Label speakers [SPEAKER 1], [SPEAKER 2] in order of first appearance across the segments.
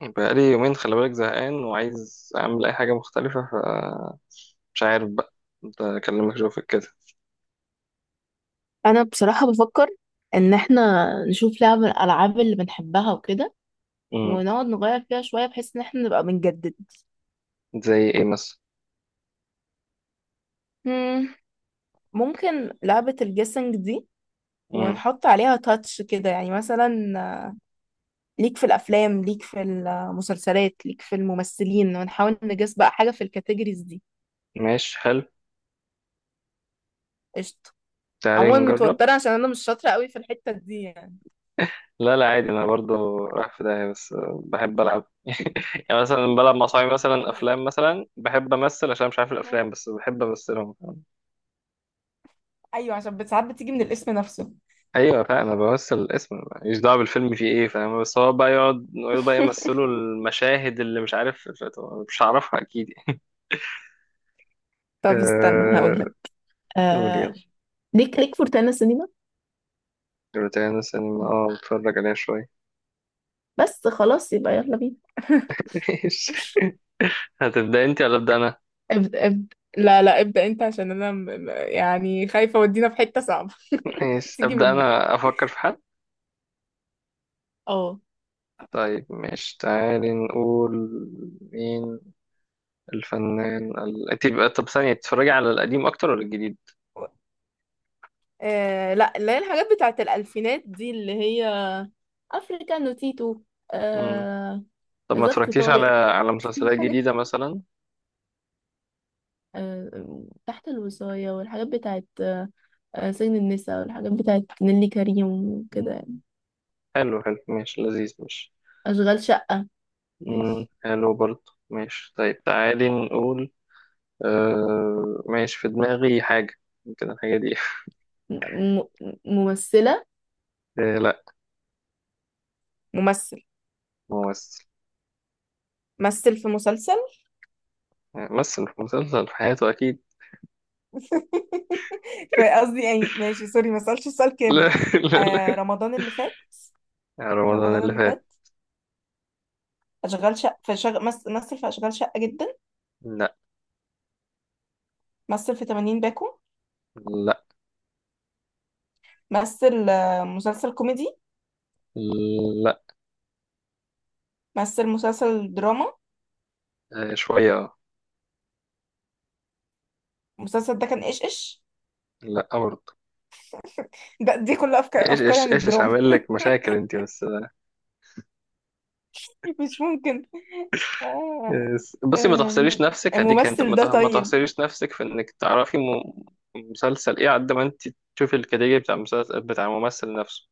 [SPEAKER 1] بقالي يومين، خلي بالك زهقان وعايز أعمل أي حاجة مختلفة فمش عارف، بقى كنت أكلمك أشوفك كده.
[SPEAKER 2] انا بصراحة بفكر ان احنا نشوف لعبة من الالعاب اللي بنحبها وكده،
[SPEAKER 1] امم.
[SPEAKER 2] ونقعد نغير فيها شوية بحيث ان احنا نبقى بنجدد.
[SPEAKER 1] زي إيه مثلا؟
[SPEAKER 2] مم، ممكن لعبة الجيسنج دي،
[SPEAKER 1] امم.
[SPEAKER 2] ونحط عليها تاتش كده، يعني مثلا ليك في الافلام، ليك في المسلسلات، ليك في الممثلين، ونحاول نجس بقى حاجة في الكاتيجوريز دي.
[SPEAKER 1] ماشي، حلو.
[SPEAKER 2] قشطة.
[SPEAKER 1] تعالي
[SPEAKER 2] عموما
[SPEAKER 1] نجرب.
[SPEAKER 2] متوترة عشان انا مش شاطرة قوي في الحتة دي يعني.
[SPEAKER 1] لا لا عادي، أنا برضو رايح في داهية بس بحب ألعب. يعني مثلا بلعب مع صحابي، مثلا
[SPEAKER 2] طب.
[SPEAKER 1] أفلام، مثلا بحب أمثل عشان مش عارف
[SPEAKER 2] مم.
[SPEAKER 1] الأفلام، بس بحب أمثلهم.
[SPEAKER 2] ايوه، عشان ساعات بتيجي من الاسم نفسه.
[SPEAKER 1] أيوة فاهم، أنا بمثل الاسم، ماليش دعوة بالفيلم فيه إيه، فاهم؟ بس هو بقى يقعد يقعد بقى يمثلوا المشاهد اللي مش عارف. مش هعرفها أكيد.
[SPEAKER 2] طب استنى هقولك.
[SPEAKER 1] قول يلا.
[SPEAKER 2] آه، ليك في روتانا سينما.
[SPEAKER 1] روتانا سينما، اه بتفرج عليها شوية.
[SPEAKER 2] بس خلاص يبقى يلا بينا.
[SPEAKER 1] ماشي. هتبدأ انت ولا أبدأ أنا؟
[SPEAKER 2] ابدأ ابدأ، لا لا، ابدأ انت، عشان انا يعني خايفة اودينا في حتة صعبة.
[SPEAKER 1] ماشي،
[SPEAKER 2] تيجي
[SPEAKER 1] أبدأ
[SPEAKER 2] مني.
[SPEAKER 1] أنا، أفكر في حد.
[SPEAKER 2] اه.
[SPEAKER 1] طيب ماشي تعالي نقول. مين الفنان انت بقى، طب ثانية، بتتفرجي على القديم أكتر ولا الجديد؟
[SPEAKER 2] آه لا، اللي هي الحاجات بتاعت الألفينات دي، اللي هي افريكانو تيتو.
[SPEAKER 1] مم.
[SPEAKER 2] آه...
[SPEAKER 1] طب ما
[SPEAKER 2] ظرف
[SPEAKER 1] اتفرجتيش على
[SPEAKER 2] طارق.
[SPEAKER 1] على مسلسلات
[SPEAKER 2] الحاجات
[SPEAKER 1] جديدة مثلا؟
[SPEAKER 2] تحت الوصاية، والحاجات بتاعت سجن النساء، والحاجات بتاعت نيللي كريم وكده
[SPEAKER 1] مم.
[SPEAKER 2] يعني.
[SPEAKER 1] حلو حلو ماشي لذيذ ماشي.
[SPEAKER 2] أشغال شقة.
[SPEAKER 1] مم.
[SPEAKER 2] ماشي.
[SPEAKER 1] حلو برضه ماشي. طيب تعالي نقول. ماشي، في دماغي حاجة. ممكن الحاجة دي.
[SPEAKER 2] م... م... ممثلة.
[SPEAKER 1] آه لا.
[SPEAKER 2] ممثل.
[SPEAKER 1] ممثل.
[SPEAKER 2] مثل في مسلسل.
[SPEAKER 1] مثل في مسلسل، في حياته أكيد.
[SPEAKER 2] فقصدي يعني، ماشي سوري ما سألتش السؤال
[SPEAKER 1] لا.
[SPEAKER 2] كامل.
[SPEAKER 1] لا
[SPEAKER 2] آه
[SPEAKER 1] لا.
[SPEAKER 2] رمضان اللي فات.
[SPEAKER 1] يا رمضان
[SPEAKER 2] رمضان
[SPEAKER 1] اللي
[SPEAKER 2] اللي
[SPEAKER 1] فات.
[SPEAKER 2] فات. أشغال شقة. في مثل في أشغال شقة جدا.
[SPEAKER 1] لا
[SPEAKER 2] مثل في 80 باكو.
[SPEAKER 1] لا
[SPEAKER 2] مثل مسلسل كوميدي.
[SPEAKER 1] لا.
[SPEAKER 2] مثل مسلسل دراما.
[SPEAKER 1] آه، شوية آه.
[SPEAKER 2] المسلسل ده كان إيش.
[SPEAKER 1] لا برضه.
[SPEAKER 2] ده كل أفكار
[SPEAKER 1] ايش
[SPEAKER 2] أفكار عن
[SPEAKER 1] ايش ايش ايش،
[SPEAKER 2] الدراما.
[SPEAKER 1] عامل لك مشاكل انت بس.
[SPEAKER 2] مش ممكن. آه...
[SPEAKER 1] بصي، ما
[SPEAKER 2] آم،
[SPEAKER 1] تحصريش نفسك هديك، انت
[SPEAKER 2] الممثل ده
[SPEAKER 1] ما
[SPEAKER 2] طيب.
[SPEAKER 1] تحصريش نفسك في انك تعرفي. مسلسل ايه قد ما انت تشوفي الكاتيجوري بتاع المسلسل بتاع الممثل نفسه.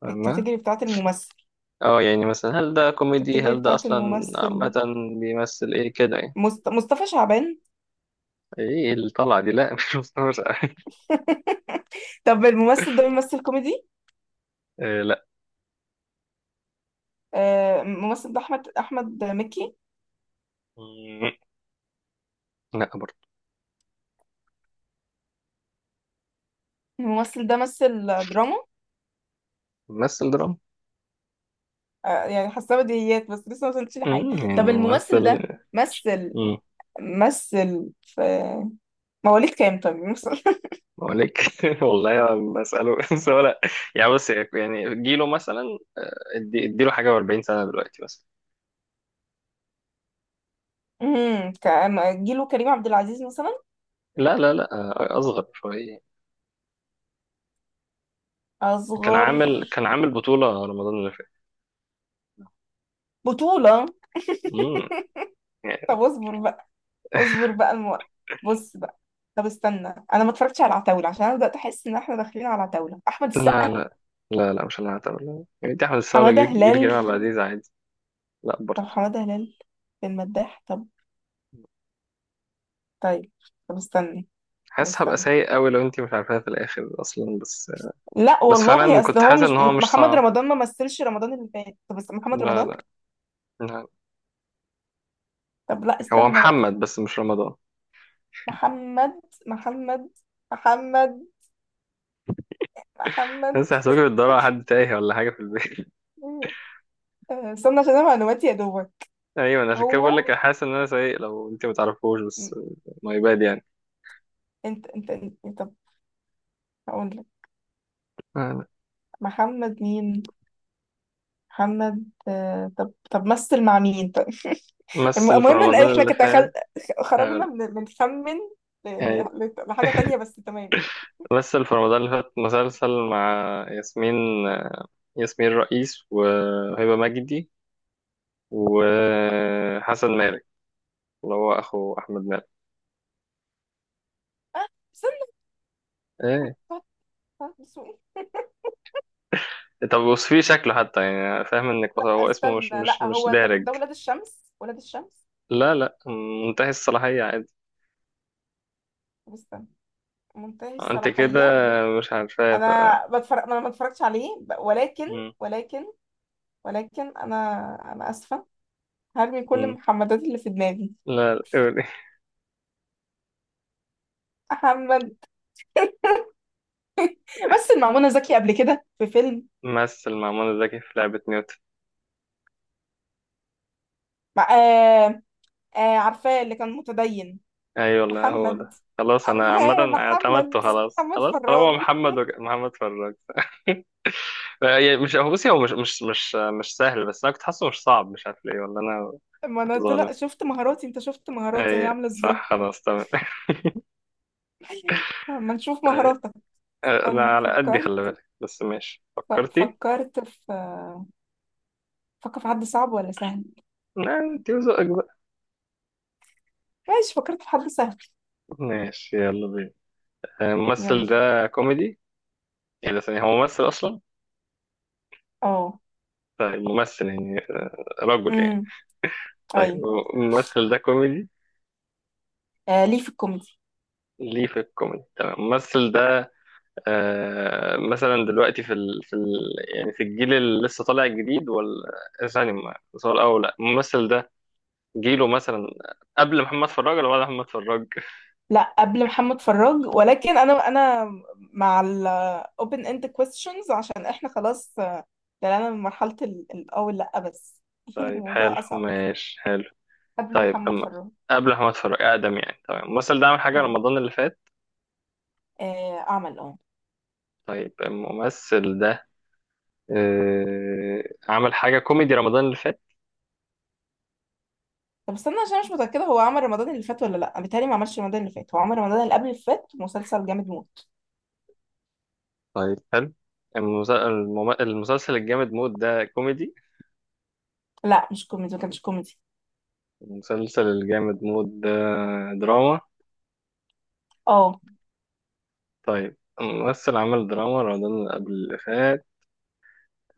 [SPEAKER 1] فاهمة؟
[SPEAKER 2] الكاتيجوري بتاعت الممثل.
[SPEAKER 1] اه، يعني مثلا هل ده كوميدي،
[SPEAKER 2] الكاتيجوري
[SPEAKER 1] هل ده
[SPEAKER 2] بتاعت
[SPEAKER 1] اصلا عامة
[SPEAKER 2] الممثل.
[SPEAKER 1] بيمثل ايه كده يعني.
[SPEAKER 2] مصطفى شعبان.
[SPEAKER 1] ايه اللي طلع دي؟ لا. مش مستوعب.
[SPEAKER 2] طب الممثل ده بيمثل كوميدي.
[SPEAKER 1] آه
[SPEAKER 2] آه، الممثل ده احمد مكي.
[SPEAKER 1] لا. لا برضه.
[SPEAKER 2] الممثل ده مثل دراما.
[SPEAKER 1] ممثل دراما.
[SPEAKER 2] آه يعني، حاسه بديهيات بس لسه ما وصلتش لحاجه.
[SPEAKER 1] امم،
[SPEAKER 2] طب
[SPEAKER 1] يعني
[SPEAKER 2] الممثل
[SPEAKER 1] ممثل.
[SPEAKER 2] ده مثل.
[SPEAKER 1] امم.
[SPEAKER 2] مثل في مواليد كام؟ طب مثل.
[SPEAKER 1] مالك؟ والله ما بسأله. بس هو لا. يعني بص، يعني جيله مثلا، ادي اديله حاجة و40 سنة دلوقتي مثلا.
[SPEAKER 2] كان جيله كريم عبد العزيز مثلا.
[SPEAKER 1] لا لا لا. أصغر شوية. كان
[SPEAKER 2] اصغر.
[SPEAKER 1] عامل كان عامل بطولة رمضان اللي فات.
[SPEAKER 2] بطوله.
[SPEAKER 1] امم، يعني.
[SPEAKER 2] طب اصبر بقى. اصبر بقى الموقف. بص بقى. طب استنى. انا ما اتفرجتش على العتاوله عشان انا بدات احس ان احنا داخلين على عتاوله احمد
[SPEAKER 1] لا
[SPEAKER 2] السقا.
[SPEAKER 1] لا. لا لا مش، أنا هعتبر. يعني دي أحمد السقا ولا
[SPEAKER 2] حماده
[SPEAKER 1] جيل
[SPEAKER 2] هلال.
[SPEAKER 1] كريم عبد العزيز، عادي. لا
[SPEAKER 2] طب
[SPEAKER 1] برضه.
[SPEAKER 2] حمادة هلال في المداح. طب، طيب، طب استني طب
[SPEAKER 1] حاسس هبقى
[SPEAKER 2] استني.
[SPEAKER 1] سيء قوي لو أنت مش عارفاها في الآخر أصلا بس.
[SPEAKER 2] لا
[SPEAKER 1] بس
[SPEAKER 2] والله،
[SPEAKER 1] فعلا
[SPEAKER 2] اصل
[SPEAKER 1] كنت
[SPEAKER 2] هو
[SPEAKER 1] حاسس
[SPEAKER 2] مش
[SPEAKER 1] إن هو مش
[SPEAKER 2] محمد
[SPEAKER 1] صعب.
[SPEAKER 2] رمضان، ما مثلش رمضان اللي فات. محمد
[SPEAKER 1] لا
[SPEAKER 2] رمضان.
[SPEAKER 1] لا. لا.
[SPEAKER 2] طب لا
[SPEAKER 1] هو
[SPEAKER 2] استنى بقى.
[SPEAKER 1] محمد بس مش رمضان.
[SPEAKER 2] محمد، محمد، محمد، محمد.
[SPEAKER 1] بس هحسبك بتدور على حد تايه ولا حاجة في البيت.
[SPEAKER 2] آه، استنى عشان انا معلوماتي يا دوبك.
[SPEAKER 1] أيوة، أنا عشان كده
[SPEAKER 2] هو
[SPEAKER 1] بقول لك، أنا حاسس إن أنا سايق لو أنت متعرفوش بس.
[SPEAKER 2] م-
[SPEAKER 1] ماي باد يعني.
[SPEAKER 2] انت انت انت طب هقول لك.
[SPEAKER 1] أنا.
[SPEAKER 2] محمد مين؟ محمد، آه، طب طب مثل مع مين طيب؟
[SPEAKER 1] مثل في
[SPEAKER 2] المهم ان
[SPEAKER 1] رمضان
[SPEAKER 2] احنا
[SPEAKER 1] اللي فات.
[SPEAKER 2] خرجنا
[SPEAKER 1] هقول-
[SPEAKER 2] من بنخمن
[SPEAKER 1] يعني
[SPEAKER 2] لحاجة تانية، بس تمام.
[SPEAKER 1] مثل في رمضان اللي فات مسلسل مع ياسمين، ياسمين رئيس وهبة مجدي وحسن مالك، اللي هو أخو أحمد مالك.
[SPEAKER 2] آه، استنى.
[SPEAKER 1] إيه.
[SPEAKER 2] طب- طب، سوق.
[SPEAKER 1] طب وصفيه شكله حتى، يعني فاهم إنك
[SPEAKER 2] لا
[SPEAKER 1] هو اسمه
[SPEAKER 2] استنى،
[SPEAKER 1] مش مش
[SPEAKER 2] لا
[SPEAKER 1] مش
[SPEAKER 2] هو طب
[SPEAKER 1] دارج.
[SPEAKER 2] ده ولاد الشمس، ولاد الشمس.
[SPEAKER 1] لا لا. منتهي الصلاحية عادي.
[SPEAKER 2] طب استنى، منتهي
[SPEAKER 1] أنت كده
[SPEAKER 2] الصلاحية.
[SPEAKER 1] مش عارفاه.
[SPEAKER 2] انا بتفرج، انا ما اتفرجتش عليه ولكن، ولكن ولكن انا اسفة. هرمي كل
[SPEAKER 1] مم.
[SPEAKER 2] المحمدات اللي في دماغي.
[SPEAKER 1] لا لا،
[SPEAKER 2] محمد. بس المعمونة زكي قبل كده في فيلم.
[SPEAKER 1] مثل مع منى زكي في لعبة نيوتن.
[SPEAKER 2] مع... آه، آه عارفاه، اللي كان متدين.
[SPEAKER 1] أيوة والله هو ده.
[SPEAKER 2] محمد.
[SPEAKER 1] خلاص أنا
[SPEAKER 2] عارفاه.
[SPEAKER 1] عامة
[SPEAKER 2] محمد
[SPEAKER 1] اعتمدته، خلاص
[SPEAKER 2] محمد
[SPEAKER 1] خلاص،
[SPEAKER 2] فراج.
[SPEAKER 1] طالما محمد محمد فراج. يعني مش هو، بصي هو مش سهل، بس أنا كنت حاسه مش صعب، مش عارف ليه والله أنا
[SPEAKER 2] ما انا طلع
[SPEAKER 1] ظالم.
[SPEAKER 2] شفت مهاراتي. انت شفت مهاراتي هي
[SPEAKER 1] أي
[SPEAKER 2] عامله ازاي.
[SPEAKER 1] صح، خلاص تمام.
[SPEAKER 2] ما نشوف
[SPEAKER 1] أي،
[SPEAKER 2] مهاراتك.
[SPEAKER 1] أنا
[SPEAKER 2] استنى،
[SPEAKER 1] على قدي،
[SPEAKER 2] فكرت.
[SPEAKER 1] خلي بالك، بس ماشي فكرتي؟
[SPEAKER 2] فكرت في. فكر في حد صعب ولا سهل؟
[SPEAKER 1] لا أنت وذوقك بقى.
[SPEAKER 2] ماشي، فكرت في حد سهل.
[SPEAKER 1] ماشي يلا بينا.
[SPEAKER 2] يلا.
[SPEAKER 1] الممثل ده كوميدي؟ يعني ثانية، هو ممثل أصلا؟
[SPEAKER 2] اه.
[SPEAKER 1] طيب ممثل يعني، آه، رجل
[SPEAKER 2] امم.
[SPEAKER 1] يعني. طيب
[SPEAKER 2] ايوه.
[SPEAKER 1] الممثل ده كوميدي.
[SPEAKER 2] آه، ليه في الكوميدي.
[SPEAKER 1] ليه في الكوميدي، تمام. الممثل ده آه مثلا دلوقتي يعني في الجيل اللي لسه طالع جديد ولا؟ ثاني، ما سؤال اول، لا الممثل ده جيله مثلا قبل محمد فراج ولا بعد محمد فراج؟
[SPEAKER 2] لا، قبل محمد فراج، ولكن انا مع ال open end questions، عشان احنا خلاص طلعنا من مرحلة الاول، لا بس.
[SPEAKER 1] طيب حلو
[SPEAKER 2] الموضوع اصعب.
[SPEAKER 1] ماشي حلو.
[SPEAKER 2] قبل
[SPEAKER 1] طيب
[SPEAKER 2] محمد
[SPEAKER 1] اما
[SPEAKER 2] فراج.
[SPEAKER 1] قبل محمد فراج اقدم يعني، تمام. الممثل ده عمل حاجه
[SPEAKER 2] اه.
[SPEAKER 1] رمضان اللي فات؟
[SPEAKER 2] آه، عمل اه.
[SPEAKER 1] طيب الممثل ده، آه عمل حاجه كوميدي رمضان اللي فات؟
[SPEAKER 2] طب استنى عشان مش متأكدة هو عمل رمضان اللي فات ولا لا. بالتالي، ما عملش رمضان اللي فات، هو عمل رمضان اللي قبل اللي فات، مسلسل جامد موت.
[SPEAKER 1] طيب حلو. المسلسل الجامد مود ده كوميدي؟
[SPEAKER 2] لا مش كوميدي، ما كانش كوميدي.
[SPEAKER 1] المسلسل الجامد مود ده دراما.
[SPEAKER 2] اه.
[SPEAKER 1] طيب الممثل عمل دراما رمضان اللي قبل اللي فات.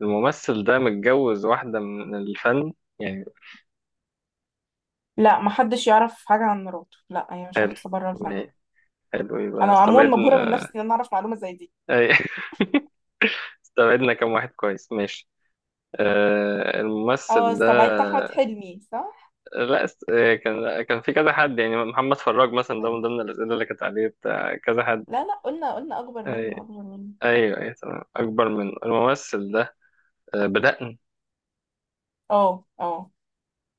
[SPEAKER 1] الممثل ده متجوز واحدة من الفن يعني؟
[SPEAKER 2] لا ما حدش يعرف حاجة عن مراته، لا هي
[SPEAKER 1] حلو.
[SPEAKER 2] شخص بره الفن.
[SPEAKER 1] ما- حلو يبقى
[SPEAKER 2] انا عموما مبهورة من
[SPEAKER 1] استبعدنا.
[SPEAKER 2] نفسي ان انا اعرف معلومة زي دي.
[SPEAKER 1] أي- استبعدنا كم واحد كويس، ماشي. آه
[SPEAKER 2] اه
[SPEAKER 1] الممثل ده.
[SPEAKER 2] استبعدت احمد حلمي، صح.
[SPEAKER 1] لا است... آه، كان كان في كذا حد، يعني محمد فراج مثلا ده من ضمن الأسئلة اللي كانت عليه، بتاع كذا حد.
[SPEAKER 2] لا لا، قلنا اكبر
[SPEAKER 1] آه،
[SPEAKER 2] منه، اكبر منه.
[SPEAKER 1] ايوه ايوه تمام اكبر منه الممثل ده. آه، بدأنا.
[SPEAKER 2] اه اه.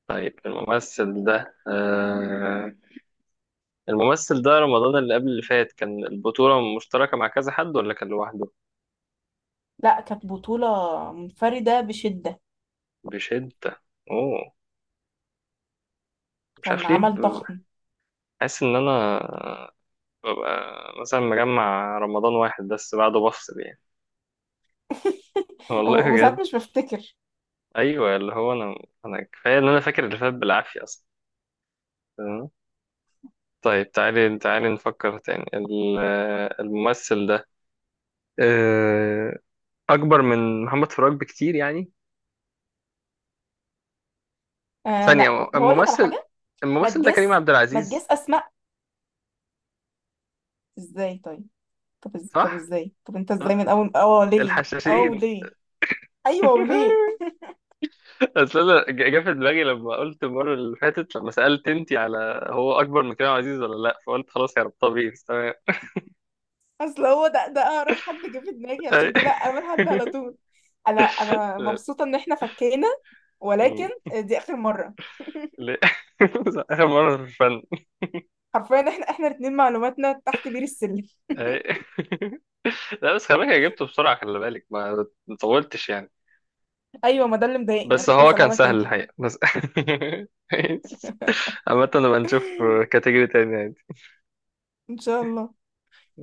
[SPEAKER 1] طيب الممثل ده، آه، الممثل ده رمضان اللي قبل اللي فات كان البطولة مشتركة مع كذا حد ولا كان لوحده؟
[SPEAKER 2] لا كانت بطولة منفردة بشدة.
[SPEAKER 1] بشدة. اوه. مش
[SPEAKER 2] كان
[SPEAKER 1] عارف ليه
[SPEAKER 2] عمل ضخم.
[SPEAKER 1] حاسس ان انا ببقى مثلا مجمع رمضان واحد بس بعده بفصل يعني. والله بجد.
[SPEAKER 2] وساعات مش بفتكر.
[SPEAKER 1] ايوه اللي هو انا، انا كفاية ان انا فاكر اللي فات بالعافية اصلا. تمام. طيب تعالي نفكر تاني آه، الممثل ده، آه، اكبر من محمد فراج بكتير يعني؟
[SPEAKER 2] آه لا،
[SPEAKER 1] ثانية
[SPEAKER 2] طب هقول لك على
[SPEAKER 1] الممثل،
[SPEAKER 2] حاجة. ما
[SPEAKER 1] الممثل ده كريم
[SPEAKER 2] تجس
[SPEAKER 1] عبد
[SPEAKER 2] ما تجس
[SPEAKER 1] العزيز.
[SPEAKER 2] اسماء. ازاي طيب؟ طب
[SPEAKER 1] صح
[SPEAKER 2] ازاي؟ طب انت ازاي
[SPEAKER 1] صح.
[SPEAKER 2] من اول اه ليه؟ اه
[SPEAKER 1] الحشاشين.
[SPEAKER 2] ليه ايوه وليه؟
[SPEAKER 1] اصل انا جه في دماغي لما قلت المره اللي فاتت لما سالت انتي على هو اكبر من كريم عبد العزيز ولا لا، فقلت خلاص يا رب طبيعي، تمام.
[SPEAKER 2] اصل هو ده اقرب حد جه في دماغي،
[SPEAKER 1] أي-
[SPEAKER 2] عشان كده اول حد على طول. انا
[SPEAKER 1] لا.
[SPEAKER 2] مبسوطة ان احنا فكينا. ولكن
[SPEAKER 1] م-
[SPEAKER 2] دي اخر مرة.
[SPEAKER 1] لا. اخر مره في الفن.
[SPEAKER 2] حرفيا احنا الاتنين معلوماتنا تحت بير السلم.
[SPEAKER 1] أي. لا بس خلي بالك، أنا جبته بسرعه، خلي بالك ما طولتش يعني.
[SPEAKER 2] ايوه، ما ده اللي مضايقني،
[SPEAKER 1] بس
[SPEAKER 2] عشان كده
[SPEAKER 1] هو
[SPEAKER 2] مش
[SPEAKER 1] كان
[SPEAKER 2] هلعبها
[SPEAKER 1] سهل
[SPEAKER 2] تاني.
[SPEAKER 1] الحقيقه بس. عامة نبقى نشوف كاتيجوري تاني عادي
[SPEAKER 2] ان شاء الله.